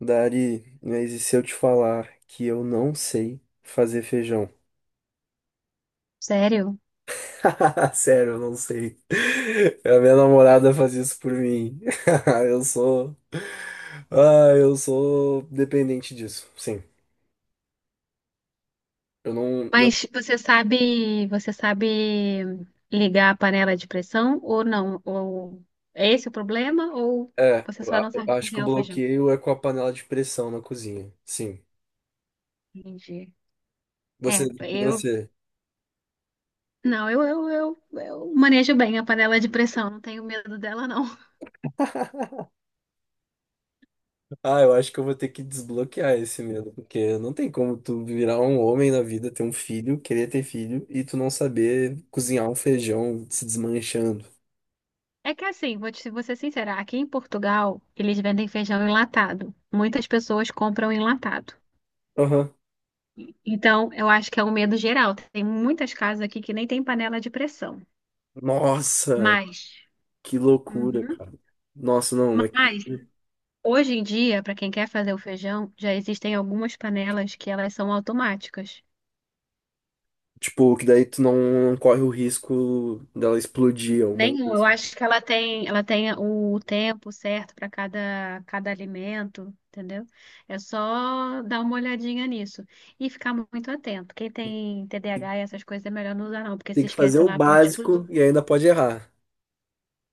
Dari, mas e se eu te falar que eu não sei fazer feijão? Sério? Sério, eu não sei. A minha namorada faz isso por mim. Eu sou. Ah, eu sou dependente disso. Sim. Eu não. Mas você sabe ligar a panela de pressão ou não? Ou é esse o problema? Ou É, você só não eu sabe acho que o cozinhar o feijão? bloqueio é com a panela de pressão na cozinha. Sim. Entendi. Você, É, e eu você? não, eu manejo bem a panela de pressão, não tenho medo dela, não. Ah, eu acho que eu vou ter que desbloquear esse medo, porque não tem como tu virar um homem na vida, ter um filho, querer ter filho e tu não saber cozinhar um feijão se desmanchando. É que assim, vou ser sincera, aqui em Portugal eles vendem feijão enlatado. Muitas pessoas compram enlatado. Aham. Então, eu acho que é um medo geral. Tem muitas casas aqui que nem tem panela de pressão. Nossa, Mas. que loucura, Uhum. cara. Nossa, não, é que, Mas hoje em dia, para quem quer fazer o feijão, já existem algumas panelas que elas são automáticas. tipo, que daí tu não corre o risco dela explodir, alguma Nenhum, coisa eu assim. acho que ela tem o tempo certo para cada alimento, entendeu? É só dar uma olhadinha nisso e ficar muito atento. Quem tem TDAH e essas coisas é melhor não usar não, porque Tem se que fazer esquece o lá pode básico explodir. e ainda pode errar.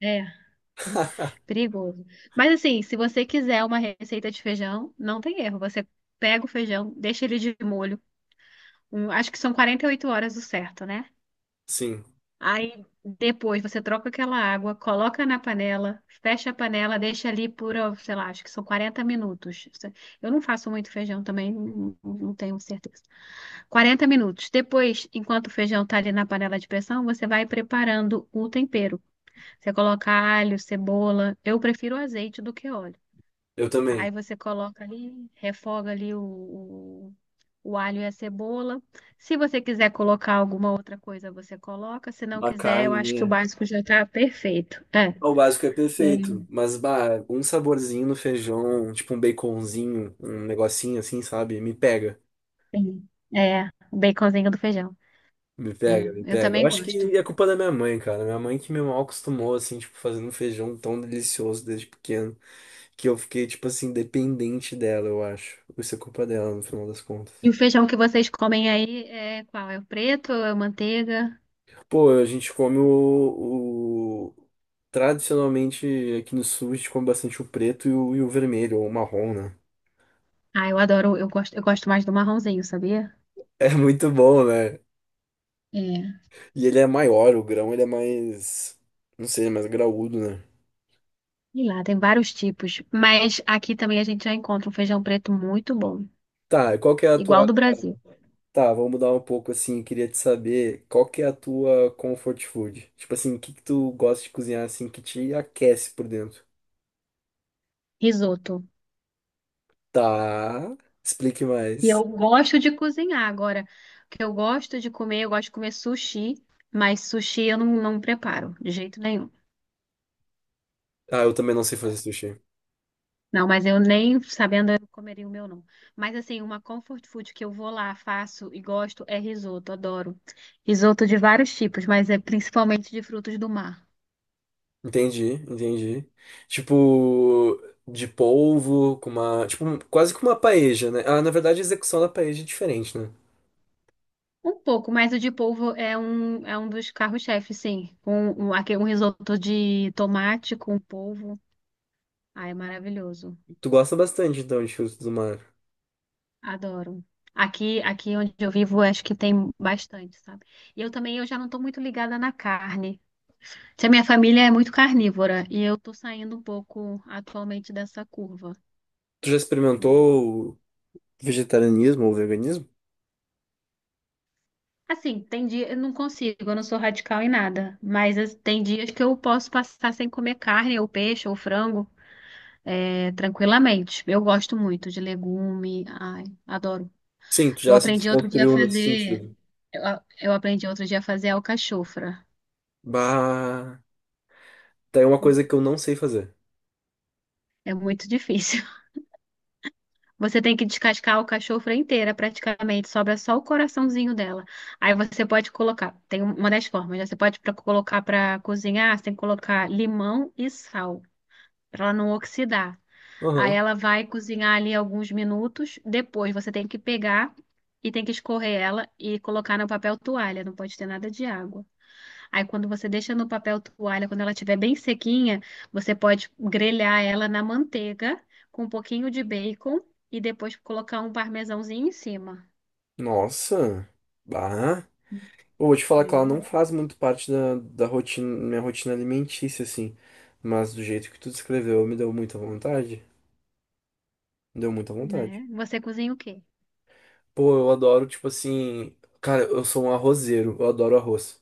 É, perigoso. Mas assim, se você quiser uma receita de feijão, não tem erro. Você pega o feijão, deixa ele de molho, acho que são 48 horas o certo, né? Sim, Aí depois você troca aquela água, coloca na panela, fecha a panela, deixa ali por, ó, sei lá, acho que são 40 minutos. Eu não faço muito feijão também, não tenho certeza. 40 minutos. Depois, enquanto o feijão tá ali na panela de pressão, você vai preparando o tempero. Você coloca alho, cebola. Eu prefiro azeite do que óleo. eu Aí também. você coloca ali, refoga ali o alho e a cebola. Se você quiser colocar alguma outra coisa, você coloca. Se não A quiser, eu carne, acho que o né? básico já tá perfeito. É, É, o básico é é, perfeito, mas bah, um saborzinho no feijão, tipo um baconzinho, um negocinho assim, sabe? Me pega, sim. É, o baconzinho do feijão. me É, pega, me eu pega. Eu também acho gosto. que é culpa da minha mãe, cara. Minha mãe que me mal acostumou, assim, tipo, fazendo um feijão tão delicioso desde pequeno, que eu fiquei, tipo assim, dependente dela, eu acho. Isso é culpa dela, no final das contas. E o feijão que vocês comem aí é qual? É o preto ou é manteiga? Pô, a gente come Tradicionalmente, aqui no sul, a gente come bastante o preto e o vermelho, ou o marrom, né? Ah, eu adoro, eu gosto mais do marronzinho, sabia? É muito bom, né? É, E ele é maior, o grão ele é mais. Não sei, mais graúdo, né? e lá tem vários tipos, mas aqui também a gente já encontra um feijão preto muito bom, Tá, e qual que é a igual tua. do Brasil. Tá, vamos mudar um pouco assim. Queria te saber qual que é a tua comfort food. Tipo assim, o que que tu gosta de cozinhar assim que te aquece por dentro? Risoto. Tá, explique E eu mais. gosto de cozinhar agora. O que eu gosto de comer, eu gosto de comer sushi, mas sushi eu não, não preparo de jeito nenhum. Ah, eu também não sei fazer sushi. Não, mas eu nem sabendo eu comeria o meu não. Mas assim, uma comfort food que eu vou lá, faço e gosto é risoto, adoro. Risoto de vários tipos, mas é principalmente de frutos do mar. Entendi, entendi. Tipo, de polvo, com uma. Tipo, quase que uma paella, né? Ah, na verdade a execução da paella é diferente, né? Um pouco, mas o de polvo é um dos carros-chefes, sim. Um risoto de tomate com polvo. Ah, é maravilhoso. Tu gosta bastante então de frutos do mar. Adoro. Aqui, aqui onde eu vivo, acho que tem bastante, sabe? E eu também, eu já não estou muito ligada na carne. Se a minha família é muito carnívora e eu estou saindo um pouco atualmente dessa curva. Tu já experimentou vegetarianismo ou veganismo? Assim, tem dia, eu não consigo, eu não sou radical em nada, tem dias que eu posso passar sem comer carne, ou peixe, ou frango, é, tranquilamente. Eu gosto muito de legume, ai, adoro. Sim, tu Eu já se aprendi outro dia a desconstruiu nesse fazer, sentido. Eu aprendi outro dia a fazer alcachofra. Bah, tem uma coisa que eu não sei fazer. É muito difícil. Você tem que descascar o cachorro inteira, praticamente. Sobra só o coraçãozinho dela. Aí você pode colocar, tem um, uma das formas, né? Você pode colocar para cozinhar, você tem que colocar limão e sal, para ela não oxidar. Aí Aham. ela vai cozinhar ali alguns minutos. Depois você tem que pegar e tem que escorrer ela e colocar no papel toalha. Não pode ter nada de água. Aí, quando você deixa no papel toalha, quando ela estiver bem sequinha, você pode grelhar ela na manteiga com um pouquinho de bacon e depois colocar um parmesãozinho em cima. Nossa. Bah. Eu vou te falar que ela não Entendeu? faz muito parte da rotina, minha rotina alimentícia, assim. Mas do jeito que tu descreveu, me deu muita vontade. Deu muita vontade. Né? Você cozinha o quê? Pô, eu adoro, tipo assim. Cara, eu sou um arrozeiro, eu adoro arroz.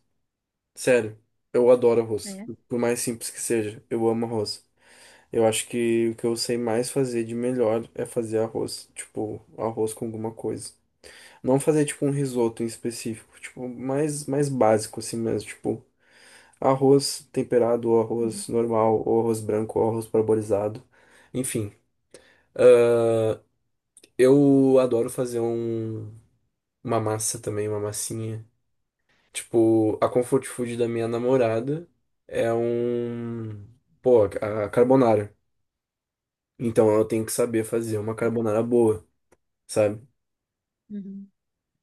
Sério, eu adoro arroz. É. Por mais simples que seja, eu amo arroz. Eu acho que o que eu sei mais fazer de melhor é fazer arroz. Tipo, arroz com alguma coisa. Não fazer, tipo, um risoto em específico. Tipo, mais básico assim mesmo. Tipo, arroz temperado, ou Uhum. arroz normal, ou arroz branco, ou arroz parboilizado. Enfim, ah, eu adoro fazer uma massa também, uma massinha. Tipo, a comfort food da minha namorada é um. Pô, a carbonara. Então eu tenho que saber fazer uma Agora. carbonara boa, sabe? Uhum.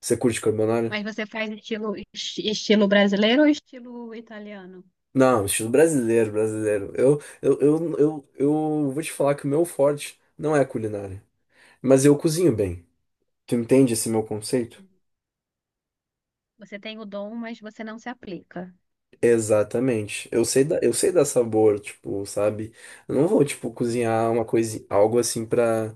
Você curte carbonara? Mas você faz estilo, estilo brasileiro ou estilo italiano? Não, estilo brasileiro, brasileiro. Eu vou te falar que o meu forte não é a culinária. Mas eu cozinho bem. Tu entende esse meu conceito? Você tem o dom, mas você não se aplica. Exatamente. Eu sei dar sabor, tipo, sabe? Eu não vou, tipo, cozinhar uma coisa, algo assim pra,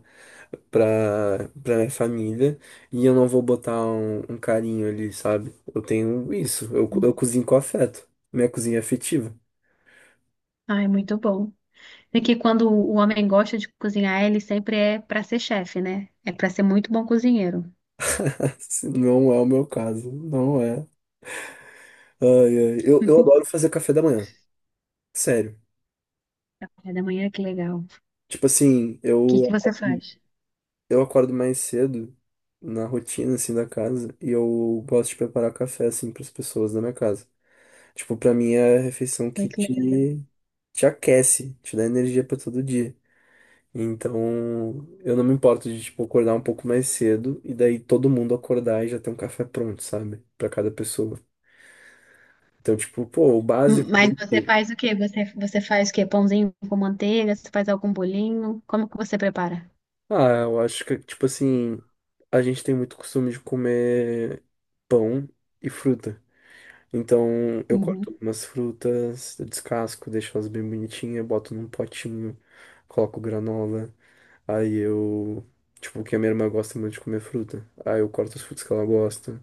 pra minha família e eu não vou botar um carinho ali, sabe? Eu tenho isso. Eu cozinho com afeto. Minha cozinha é afetiva. Ah, é muito bom. É que quando o homem gosta de cozinhar, ele sempre é para ser chefe, né? É para ser muito bom cozinheiro. Não é o meu caso. Não é. Ai, ai. Eu adoro fazer café da manhã. Sério. Café da manhã, que legal. O Tipo assim, que que eu. você faz? eu Acordo mais cedo na rotina, assim, da casa, e eu gosto de preparar café, assim, para as pessoas da minha casa. Tipo, pra mim é a refeição Ai, que que legal. te aquece, te dá energia pra todo dia. Então, eu não me importo de, tipo, acordar um pouco mais cedo e daí todo mundo acordar e já ter um café pronto, sabe? Pra cada pessoa. Então, tipo, pô, o básico Mas bem você feito. faz o quê? Você, você faz o quê? Pãozinho com manteiga? Você faz algum bolinho? Como que você prepara? Ah, eu acho que, tipo assim, a gente tem muito costume de comer pão e fruta. Então eu Uhum. corto umas frutas, descasco, deixo elas bem bonitinhas, boto num potinho, coloco granola. Aí eu. Tipo, que a minha irmã gosta muito de comer fruta. Aí eu corto as frutas que ela gosta.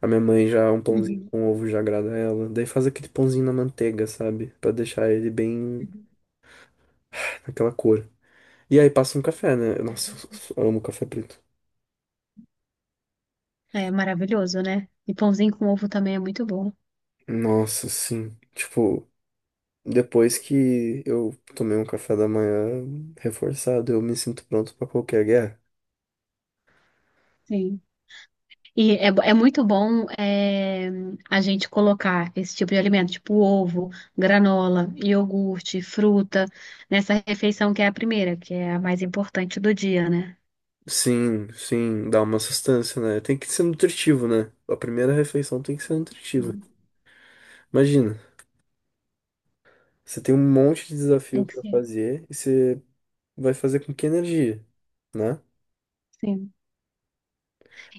A minha mãe já, um pãozinho Uhum. com ovo já agrada ela. Daí faz aquele pãozinho na manteiga, sabe? Pra deixar ele bem Uhum. naquela cor. E aí passa um café, né? Nossa, eu amo café preto. É maravilhoso, né? E pãozinho com ovo também é muito bom. Nossa, sim. Tipo. Depois que eu tomei um café da manhã reforçado, eu me sinto pronto pra qualquer guerra. Sim. E é, é muito bom é, a gente colocar esse tipo de alimento, tipo ovo, granola, iogurte, fruta, nessa refeição que é a primeira, que é a mais importante do dia, né? Sim, sim, dá uma sustância, né? Tem que ser nutritivo, né? A primeira refeição tem que ser nutritiva. Sim. Imagina, você tem um monte de desafio Tem que pra ser. fazer e você vai fazer com que energia, né? Sim.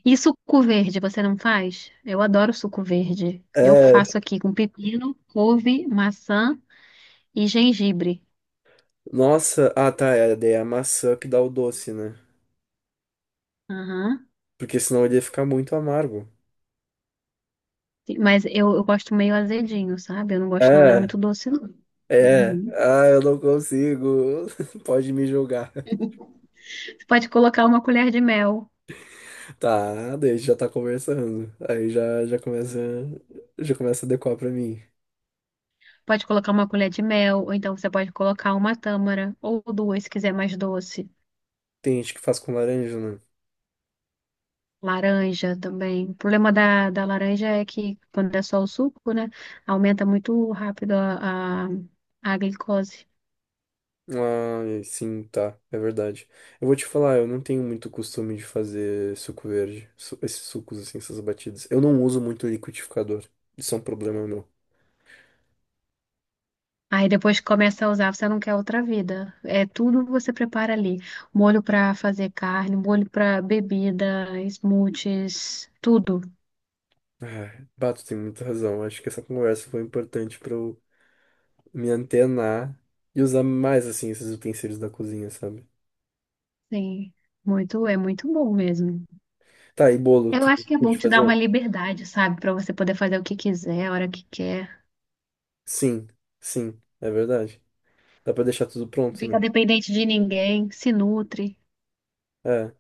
E suco verde, você não faz? Eu adoro suco verde. Eu É, faço aqui com pepino, couve, maçã e gengibre. nossa, ah tá, é, daí é a maçã que dá o doce, né? Aham. Porque senão ele ia ficar muito amargo. Mas eu gosto meio azedinho, sabe? Eu não gosto nada muito É, doce, não. é, Uhum. ah, eu não consigo. Pode me julgar. Você pode colocar uma colher de mel. Tá, daí a gente já tá conversando. Aí já começa a decorar pra mim. Pode colocar uma colher de mel, ou então você pode colocar uma tâmara, ou duas, se quiser mais doce. Tem gente que faz com laranja, né? Laranja também. O problema da, da laranja é que, quando é só o suco, né? Aumenta muito rápido a glicose. Ah, sim, tá, é verdade. Eu vou te falar, eu não tenho muito costume de fazer suco verde, esses sucos assim, essas batidas. Eu não uso muito liquidificador. Isso é um problema meu. Aí depois que começa a usar, você não quer outra vida. É tudo que você prepara ali. Molho pra fazer carne, molho pra bebida, smoothies, tudo. Ah, Bato tem muita razão. Acho que essa conversa foi importante pra eu me antenar e usar mais assim esses utensílios da cozinha, sabe? Sim, muito, é muito bom mesmo. Tá, e bolo, Eu tu acho que é bom curte te dar uma fazer? liberdade, sabe, pra você poder fazer o que quiser, a hora que quer. Sim, sim, é verdade. Dá pra deixar tudo Não pronto, né? fica dependente de ninguém, se nutre. É,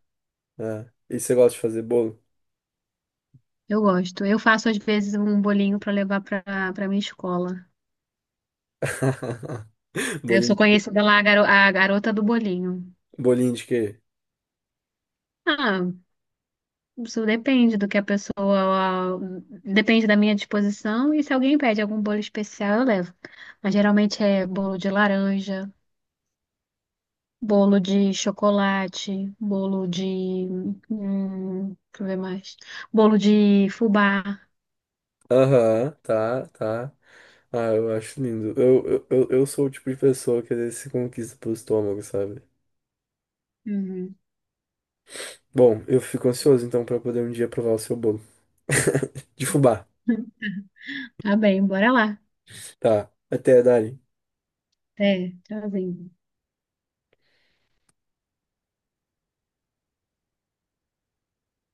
é. E você gosta de fazer bolo? Eu gosto. Eu faço às vezes um bolinho pra levar pra para minha escola. Eu sou Bolinho de quê? conhecida lá a a garota do bolinho. Bolinho de quê? Ah, isso depende do que a pessoa. Depende da minha disposição. E se alguém pede algum bolo especial, eu levo. Mas geralmente é bolo de laranja, bolo de chocolate, bolo de. Deixa eu ver mais. Bolo de fubá. Aham, tá, tá. Ah, eu acho lindo. Eu sou o tipo de pessoa que às vezes se conquista pelo estômago, sabe? Uhum. Bom, eu fico ansioso então pra poder um dia provar o seu bolo. De fubá. Tá bem, bora lá. Tá. Até, Dari. Até tchauzinho.